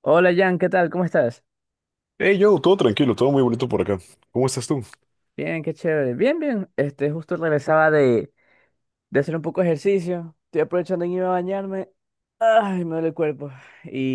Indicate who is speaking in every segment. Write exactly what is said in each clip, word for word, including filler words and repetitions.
Speaker 1: Hola Jan, ¿qué tal? ¿Cómo estás?
Speaker 2: Hey, yo, todo tranquilo, todo muy bonito por acá. ¿Cómo estás tú?
Speaker 1: Bien, qué chévere. Bien, bien. Este, justo regresaba de, de hacer un poco de ejercicio. Estoy aprovechando en ir a bañarme. Ay, me duele el cuerpo.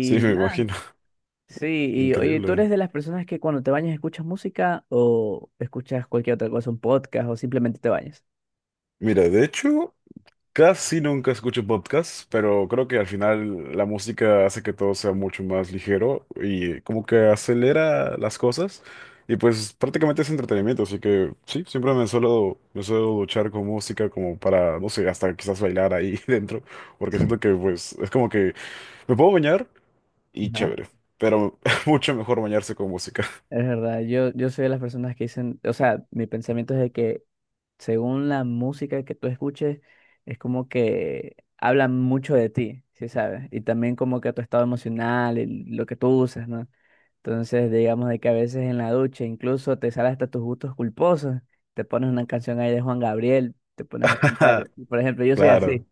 Speaker 2: Sí, me
Speaker 1: nada.
Speaker 2: imagino.
Speaker 1: Sí, y oye, ¿tú
Speaker 2: Increíble.
Speaker 1: eres de las personas que cuando te bañas escuchas música o escuchas cualquier otra cosa, un podcast o simplemente te bañas?
Speaker 2: Mira, de hecho, casi nunca escucho podcasts, pero creo que al final la música hace que todo sea mucho más ligero y como que acelera las cosas. Y pues prácticamente es entretenimiento, así que sí, siempre me suelo, me suelo duchar con música como para, no sé, hasta quizás bailar ahí dentro, porque siento que pues es como que me puedo bañar y chévere, pero mucho mejor bañarse con música.
Speaker 1: Es verdad, yo, yo soy de las personas que dicen, o sea, mi pensamiento es de que según la música que tú escuches, es como que habla mucho de ti, ¿sí sabes? Y también como que tu estado emocional, el- lo que tú usas, ¿no? Entonces, digamos de que a veces en la ducha incluso te salen hasta tus gustos culposos, te pones una canción ahí de Juan Gabriel, te pones a cantar. Por ejemplo, yo soy
Speaker 2: Claro.
Speaker 1: así.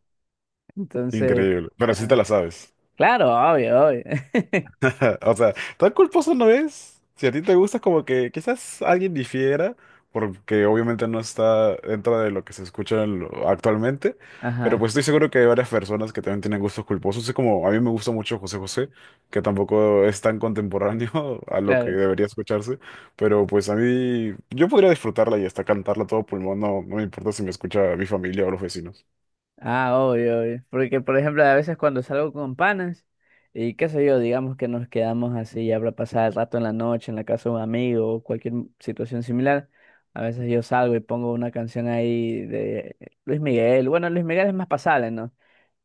Speaker 1: Entonces,
Speaker 2: Increíble, pero sí te
Speaker 1: ah,
Speaker 2: la sabes.
Speaker 1: claro, obvio, obvio.
Speaker 2: O sea, tan culposo no es. Si a ti te gusta, como que quizás alguien difiera, porque obviamente no está dentro de lo que se escucha en lo- actualmente, pero
Speaker 1: Ajá,
Speaker 2: pues estoy seguro que hay varias personas que también tienen gustos culposos. Es como a mí me gusta mucho José José, que tampoco es tan contemporáneo a lo que
Speaker 1: claro.
Speaker 2: debería escucharse, pero pues a mí yo podría disfrutarla y hasta cantarla a todo pulmón, no, no me importa si me escucha mi familia o los vecinos.
Speaker 1: Ah, obvio, obvio. Porque, por ejemplo, a veces cuando salgo con panas y qué sé yo, digamos que nos quedamos así, ya habrá pasado el rato en la noche en la casa de un amigo o cualquier situación similar, a veces yo salgo y pongo una canción ahí de Luis Miguel. Bueno, Luis Miguel es más pasable, ¿no?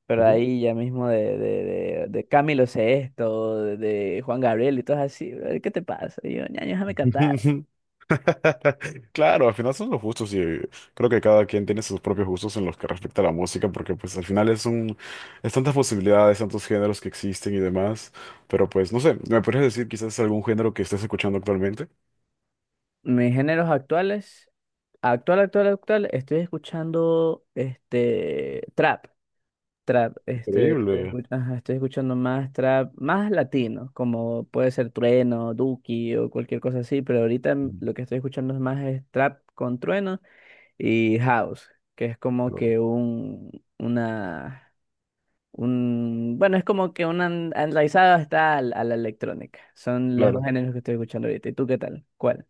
Speaker 1: Pero
Speaker 2: Ujú.
Speaker 1: ahí ya mismo de, de, de, de Camilo Sesto, de, de Juan Gabriel y todo así. "Ay, ¿qué te pasa?" Y yo, ñaño, déjame cantar.
Speaker 2: Claro, al final son los gustos y eh, creo que cada quien tiene sus propios gustos en los que respecta a la música, porque pues al final es un, es tantas posibilidades, tantos géneros que existen y demás, pero pues no sé, ¿me podrías decir quizás algún género que estés escuchando actualmente?
Speaker 1: Mis géneros actuales, actual, actual, actual, estoy escuchando este trap. Trap, este, estoy
Speaker 2: Increíble.
Speaker 1: escu- ajá, estoy escuchando más trap, más latino, como puede ser Trueno, Duki o cualquier cosa así, pero ahorita m-
Speaker 2: Ujú.
Speaker 1: lo que estoy escuchando es más es trap con Trueno y House, que es como
Speaker 2: Claro.
Speaker 1: que un, una, un, bueno, es como que un an- analizado está al- a la electrónica. Son los dos
Speaker 2: Claro.
Speaker 1: géneros que estoy escuchando ahorita. ¿Y tú qué tal? ¿Cuál?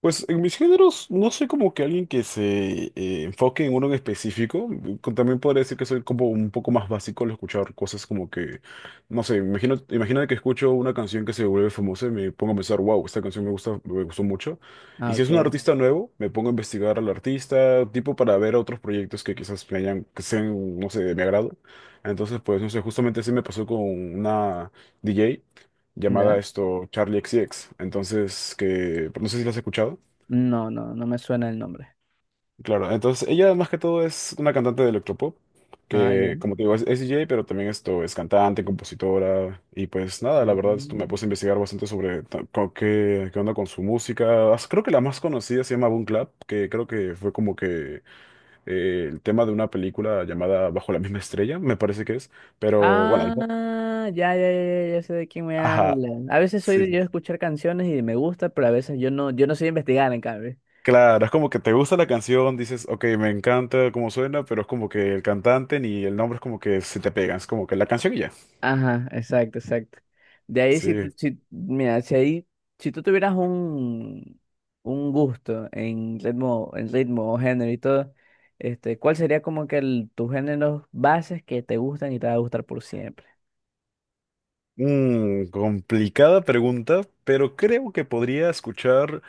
Speaker 2: Pues en mis géneros no soy como que alguien que se eh, enfoque en uno en específico. Con- También podría decir que soy como un poco más básico al escuchar cosas como que, no sé, imagino, imagina que escucho una canción que se vuelve famosa y me pongo a pensar, wow, esta canción me gusta, me gustó mucho. Y
Speaker 1: Ah,
Speaker 2: si es un
Speaker 1: ok.
Speaker 2: artista nuevo, me pongo a investigar al artista, tipo para ver otros proyectos que quizás me hayan, que sean, no sé, de mi agrado. Entonces, pues, no sé, justamente así me pasó con una D J
Speaker 1: ¿Ya?
Speaker 2: llamada esto Charlie X C X. Entonces, que, no sé si la has escuchado.
Speaker 1: No, no, no me suena el nombre.
Speaker 2: Claro, entonces ella más que todo es una cantante de electropop,
Speaker 1: Ah, ya.
Speaker 2: que como te digo es, es D J. Pero también esto es cantante, compositora, y pues nada, la verdad esto me
Speaker 1: Mm.
Speaker 2: puse a investigar bastante sobre ta- co- qué, qué onda con su música. As- Creo que la más conocida se llama Boom Clap, que creo que fue como que eh, el tema de una película llamada Bajo la misma estrella, me parece que es, pero bueno,
Speaker 1: Ah,
Speaker 2: el...
Speaker 1: ya, ya, ya, ya ya sé de quién me
Speaker 2: Ajá,
Speaker 1: hablan. A veces soy
Speaker 2: sí.
Speaker 1: de
Speaker 2: Sí,
Speaker 1: yo
Speaker 2: sí.
Speaker 1: escuchar canciones y me gusta, pero a veces yo no, yo no soy investigar, en cambio.
Speaker 2: Claro, es como que te gusta la canción, dices, ok, me encanta cómo suena, pero es como que el cantante ni el nombre es como que se te pegan, es como que la canción y ya.
Speaker 1: Ajá, exacto, exacto. De ahí
Speaker 2: Sí.
Speaker 1: si, tú- si mira, si ahí, si tú tuvieras un, un gusto en ritmo, en ritmo o género y todo, este, ¿cuál sería como que el, tus géneros bases que te gustan y te va a gustar por siempre?
Speaker 2: Mm, complicada pregunta, pero creo que podría escuchar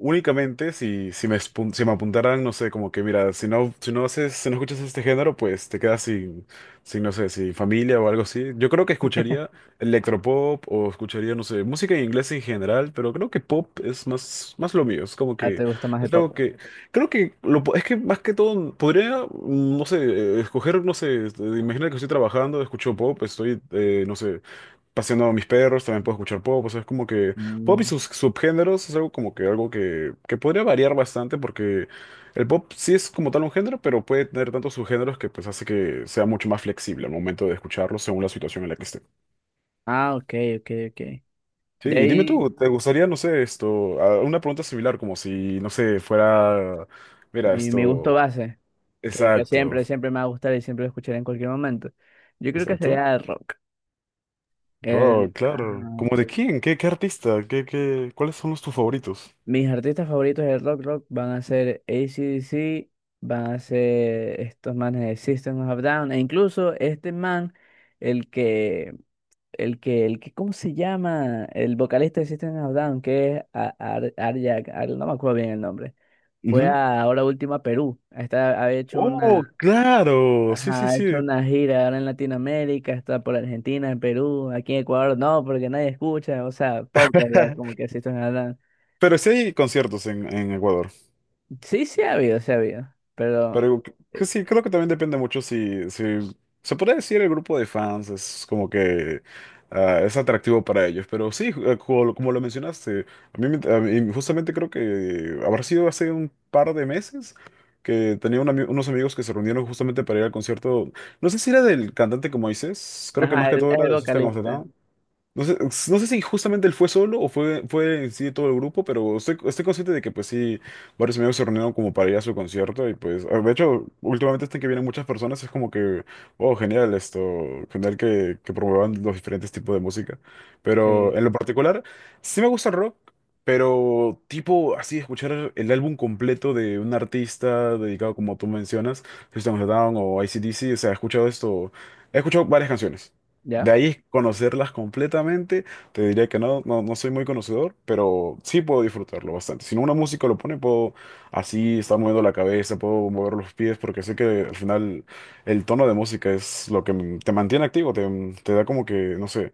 Speaker 2: únicamente si, si me, espun- si me apuntaran, no sé, como que mira, si no, si no haces, si no escuchas este género, pues te quedas sin, sin, no sé, sin familia o algo así. Yo creo que escucharía electropop o escucharía, no sé, música en inglés en general, pero creo que pop es más, más lo mío. Es como
Speaker 1: Ah,
Speaker 2: que,
Speaker 1: ¿te gusta más el
Speaker 2: es
Speaker 1: pop?
Speaker 2: algo que, creo que, lo, po- es que más que todo, podría, mm, no sé, eh, escoger, no sé, este, imagina que estoy trabajando, escucho pop, estoy, eh, no sé paseando a mis perros, también puedo escuchar pop, o sea, es como que pop y
Speaker 1: Mm.
Speaker 2: sus subgéneros es algo como que algo que, que podría variar bastante porque el pop sí es como tal un género, pero puede tener tantos subgéneros que pues hace que sea mucho más flexible al momento de escucharlo según la situación en la que esté.
Speaker 1: Ah, ok, ok, ok.
Speaker 2: Sí,
Speaker 1: De
Speaker 2: y dime
Speaker 1: ahí
Speaker 2: tú, ¿te gustaría, no sé, esto, a- una pregunta similar como si, no sé, fuera, mira,
Speaker 1: mi, mi gusto
Speaker 2: esto,
Speaker 1: base. que que
Speaker 2: exacto,
Speaker 1: siempre, siempre me va a gustar y siempre lo escucharé en cualquier momento. Yo creo que
Speaker 2: exacto.
Speaker 1: sería el rock. El,
Speaker 2: Rock, claro.
Speaker 1: ah,
Speaker 2: ¿Como de
Speaker 1: el-
Speaker 2: quién? ¿Qué, qué artista? ¿Qué, qué, ¿cuáles son los tus favoritos?
Speaker 1: mis artistas favoritos del rock rock van a ser A C/D C, van a ser estos manes de System of a Down, e incluso este man, el que, el que, el que, ¿cómo se llama? El vocalista de System of a Down, que es a- Ar- Arya- Ar- no me acuerdo bien el nombre. Fue a- ahora último a Perú. Está, ha hecho
Speaker 2: Oh,
Speaker 1: una,
Speaker 2: claro, sí,
Speaker 1: ajá,
Speaker 2: sí,
Speaker 1: ha hecho
Speaker 2: sí.
Speaker 1: una gira ahora en Latinoamérica, está por Argentina, en Perú, aquí en Ecuador, no, porque nadie escucha, o sea, poco ya como que así están hablando.
Speaker 2: Pero sí hay conciertos en, en Ecuador.
Speaker 1: Sí, sí ha habido, sí ha habido, pero,
Speaker 2: Pero c- que
Speaker 1: eh,
Speaker 2: sí, creo que también depende mucho si, si se puede decir el grupo de fans es como que ah, es atractivo para ellos. Pero sí, eh, como, como lo mencionaste, a mí, me- a mí justamente creo que habrá sido hace un par de meses que tenía un ami- unos amigos que se reunieron justamente para ir al concierto. No sé si era del cantante como dices, creo que más
Speaker 1: ajá,
Speaker 2: que
Speaker 1: él
Speaker 2: todo
Speaker 1: es
Speaker 2: era
Speaker 1: el
Speaker 2: de System of a
Speaker 1: vocalista,
Speaker 2: Down. No sé, no sé si justamente él fue solo o fue, fue en sí todo el grupo, pero estoy, estoy consciente de que pues sí, varios amigos se reunieron como para ir a su concierto y pues, ah, de hecho, últimamente hasta que vienen muchas personas es como que, oh, genial esto, genial que, que promuevan los diferentes tipos de música. Pero
Speaker 1: sí,
Speaker 2: en lo particular, sí me gusta el rock, pero tipo así, escuchar el álbum completo de un artista dedicado como tú mencionas, System of a Down o A C D C, o sea, he escuchado esto, he escuchado varias canciones.
Speaker 1: ¿ya?
Speaker 2: De ahí conocerlas completamente, te diría que no, no, no soy muy conocedor, pero sí puedo disfrutarlo bastante. Si no una música lo pone, puedo así estar moviendo la cabeza, puedo mover los pies, porque sé que al final el tono de música es lo que m- te mantiene activo, te, te da como que, no sé,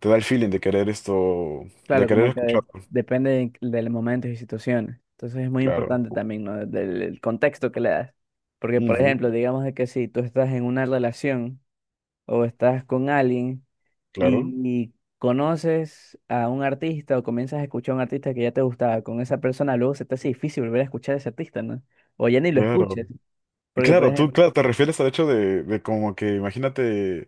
Speaker 2: te da el feeling de querer esto, de
Speaker 1: Claro,
Speaker 2: querer
Speaker 1: como que de-
Speaker 2: escucharlo.
Speaker 1: depende de- del momento y situaciones, entonces es muy
Speaker 2: Claro.
Speaker 1: importante también, ¿no? Del, del contexto que le das, porque por
Speaker 2: Ujú,
Speaker 1: ejemplo, digamos de que si tú estás en una relación o estás con alguien
Speaker 2: claro,
Speaker 1: y, y conoces a un artista o comienzas a escuchar a un artista que ya te gustaba con esa persona, luego se te hace difícil volver a escuchar a ese artista, ¿no? O ya ni lo
Speaker 2: claro.
Speaker 1: escuches, porque por
Speaker 2: Claro, tú,
Speaker 1: ejemplo...
Speaker 2: claro, te refieres al hecho de, de como que, imagínate.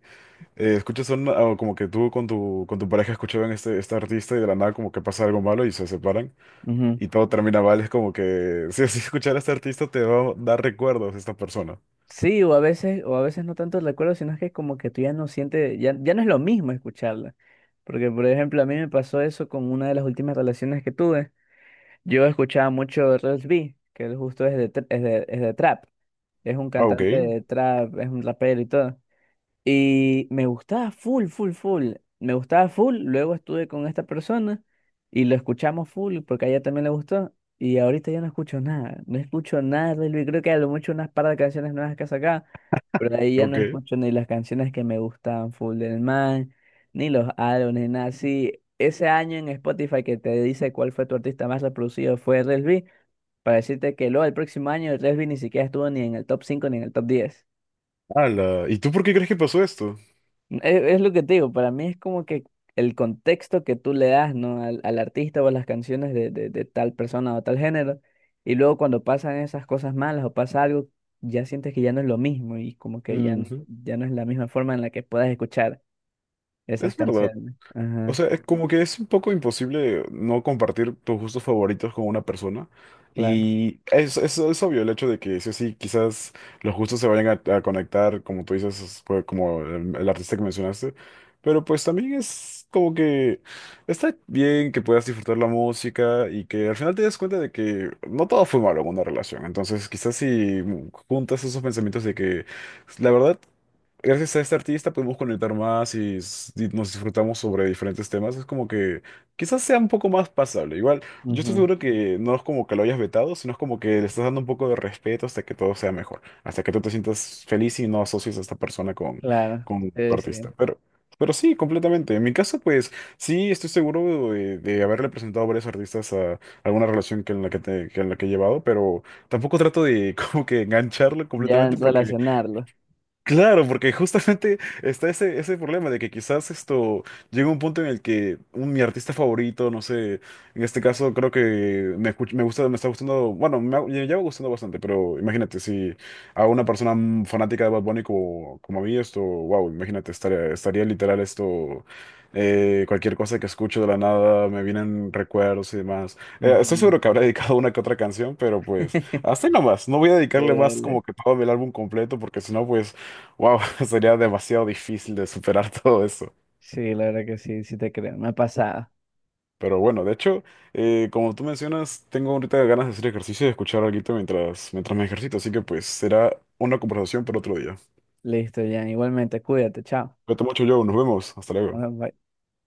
Speaker 2: eh, Escuchas un- o como que tú con tu, con tu pareja escuchaban este, este artista y de la nada como que pasa algo malo y se separan
Speaker 1: Ujú.
Speaker 2: y todo termina mal. Es como que si así escuchar a este artista te va a dar recuerdos de esta persona.
Speaker 1: Sí, o a veces, o a veces no tanto el recuerdo, sino es que como que tú ya no sientes, ya, ya no es lo mismo escucharla. Porque, por ejemplo, a mí me pasó eso con una de las últimas relaciones que tuve. Yo escuchaba mucho Rels B, que él justo es de, tr- es de, es de trap. Es un
Speaker 2: Ah, ok,
Speaker 1: cantante de trap, es un rapero y todo. Y me gustaba full, full, full. Me gustaba full. Luego estuve con esta persona y lo escuchamos full porque a ella también le gustó. Y ahorita ya no escucho nada. No escucho nada de Luis. Creo que a lo mucho unas par de canciones nuevas que ha sacado. Pero de ahí ya no
Speaker 2: ok.
Speaker 1: escucho ni las canciones que me gustaban full del man, ni los álbumes, nada así. Ese año en Spotify que te dice cuál fue tu artista más reproducido fue Resby. Para decirte que luego el próximo año Resby ni siquiera estuvo ni en el top cinco ni en el top diez.
Speaker 2: Ala, ¿y tú por qué crees que pasó esto?
Speaker 1: E- Es lo que te digo, para mí es como que el contexto que tú le das, ¿no? al, al artista o a las canciones de, de- de tal persona o tal género, y luego cuando pasan esas cosas malas o pasa algo, ya sientes que ya no es lo mismo y como que ya, n-
Speaker 2: Ujú.
Speaker 1: ya no es la misma forma en la que puedas escuchar esas
Speaker 2: Es verdad.
Speaker 1: canciones.
Speaker 2: O
Speaker 1: Ajá,
Speaker 2: sea, es como que es un poco imposible no compartir tus gustos favoritos con una persona.
Speaker 1: claro.
Speaker 2: Y es, es, es obvio el hecho de que sí o sí, quizás los gustos se vayan a, a conectar, como tú dices, es, pues, como el, el artista que mencionaste. Pero pues también es como que está bien que puedas disfrutar la música y que al final te des cuenta de que no todo fue malo en una relación. Entonces, quizás si juntas esos pensamientos de que la verdad gracias a este artista pudimos conectar más y, s- y nos disfrutamos sobre diferentes temas. Es como que quizás sea un poco más pasable. Igual, yo estoy
Speaker 1: Ujú,
Speaker 2: seguro que no es como que lo hayas vetado, sino es como que le estás dando un poco de respeto hasta que todo sea mejor, hasta que tú te sientas feliz y no asocies a esta persona con,
Speaker 1: claro,
Speaker 2: con tu
Speaker 1: sí, sí.
Speaker 2: artista. Pero, pero sí, completamente. En mi caso, pues sí, estoy seguro de, de haberle presentado a varios artistas a alguna relación que en la que, te- que en la que he llevado, pero tampoco trato de como que engancharlo
Speaker 1: Ya en
Speaker 2: completamente porque...
Speaker 1: relacionarlo.
Speaker 2: Claro, porque justamente está ese, ese problema de que quizás esto llega un punto en el que un, mi artista favorito, no sé, en este caso creo que me, escuch- me gusta, me está gustando, bueno, me, ha- me lleva gustando bastante, pero imagínate si a una persona mm, fanática de Bad Bunny como, como a mí, esto, wow, imagínate, estaría, estaría literal esto, eh, cualquier cosa que escucho de la nada, me vienen recuerdos y demás. Eh, estoy
Speaker 1: Ujú.
Speaker 2: seguro que habrá dedicado una que otra canción, pero pues... Hasta ahí nomás, no voy a
Speaker 1: Sí,
Speaker 2: dedicarle más como
Speaker 1: le-
Speaker 2: que todo el álbum completo, porque si no, pues wow, sería demasiado difícil de superar todo eso.
Speaker 1: sí, la verdad que sí, sí te creo, me ha pasado.
Speaker 2: Pero bueno, de hecho, eh, como tú mencionas, tengo ahorita ganas de hacer ejercicio y de escuchar algo mientras, mientras me ejercito, así que pues será una conversación para otro día.
Speaker 1: Listo, ya, igualmente, cuídate, chao.
Speaker 2: Cuídate mucho, Joe, nos vemos, hasta luego.
Speaker 1: Bye, bye.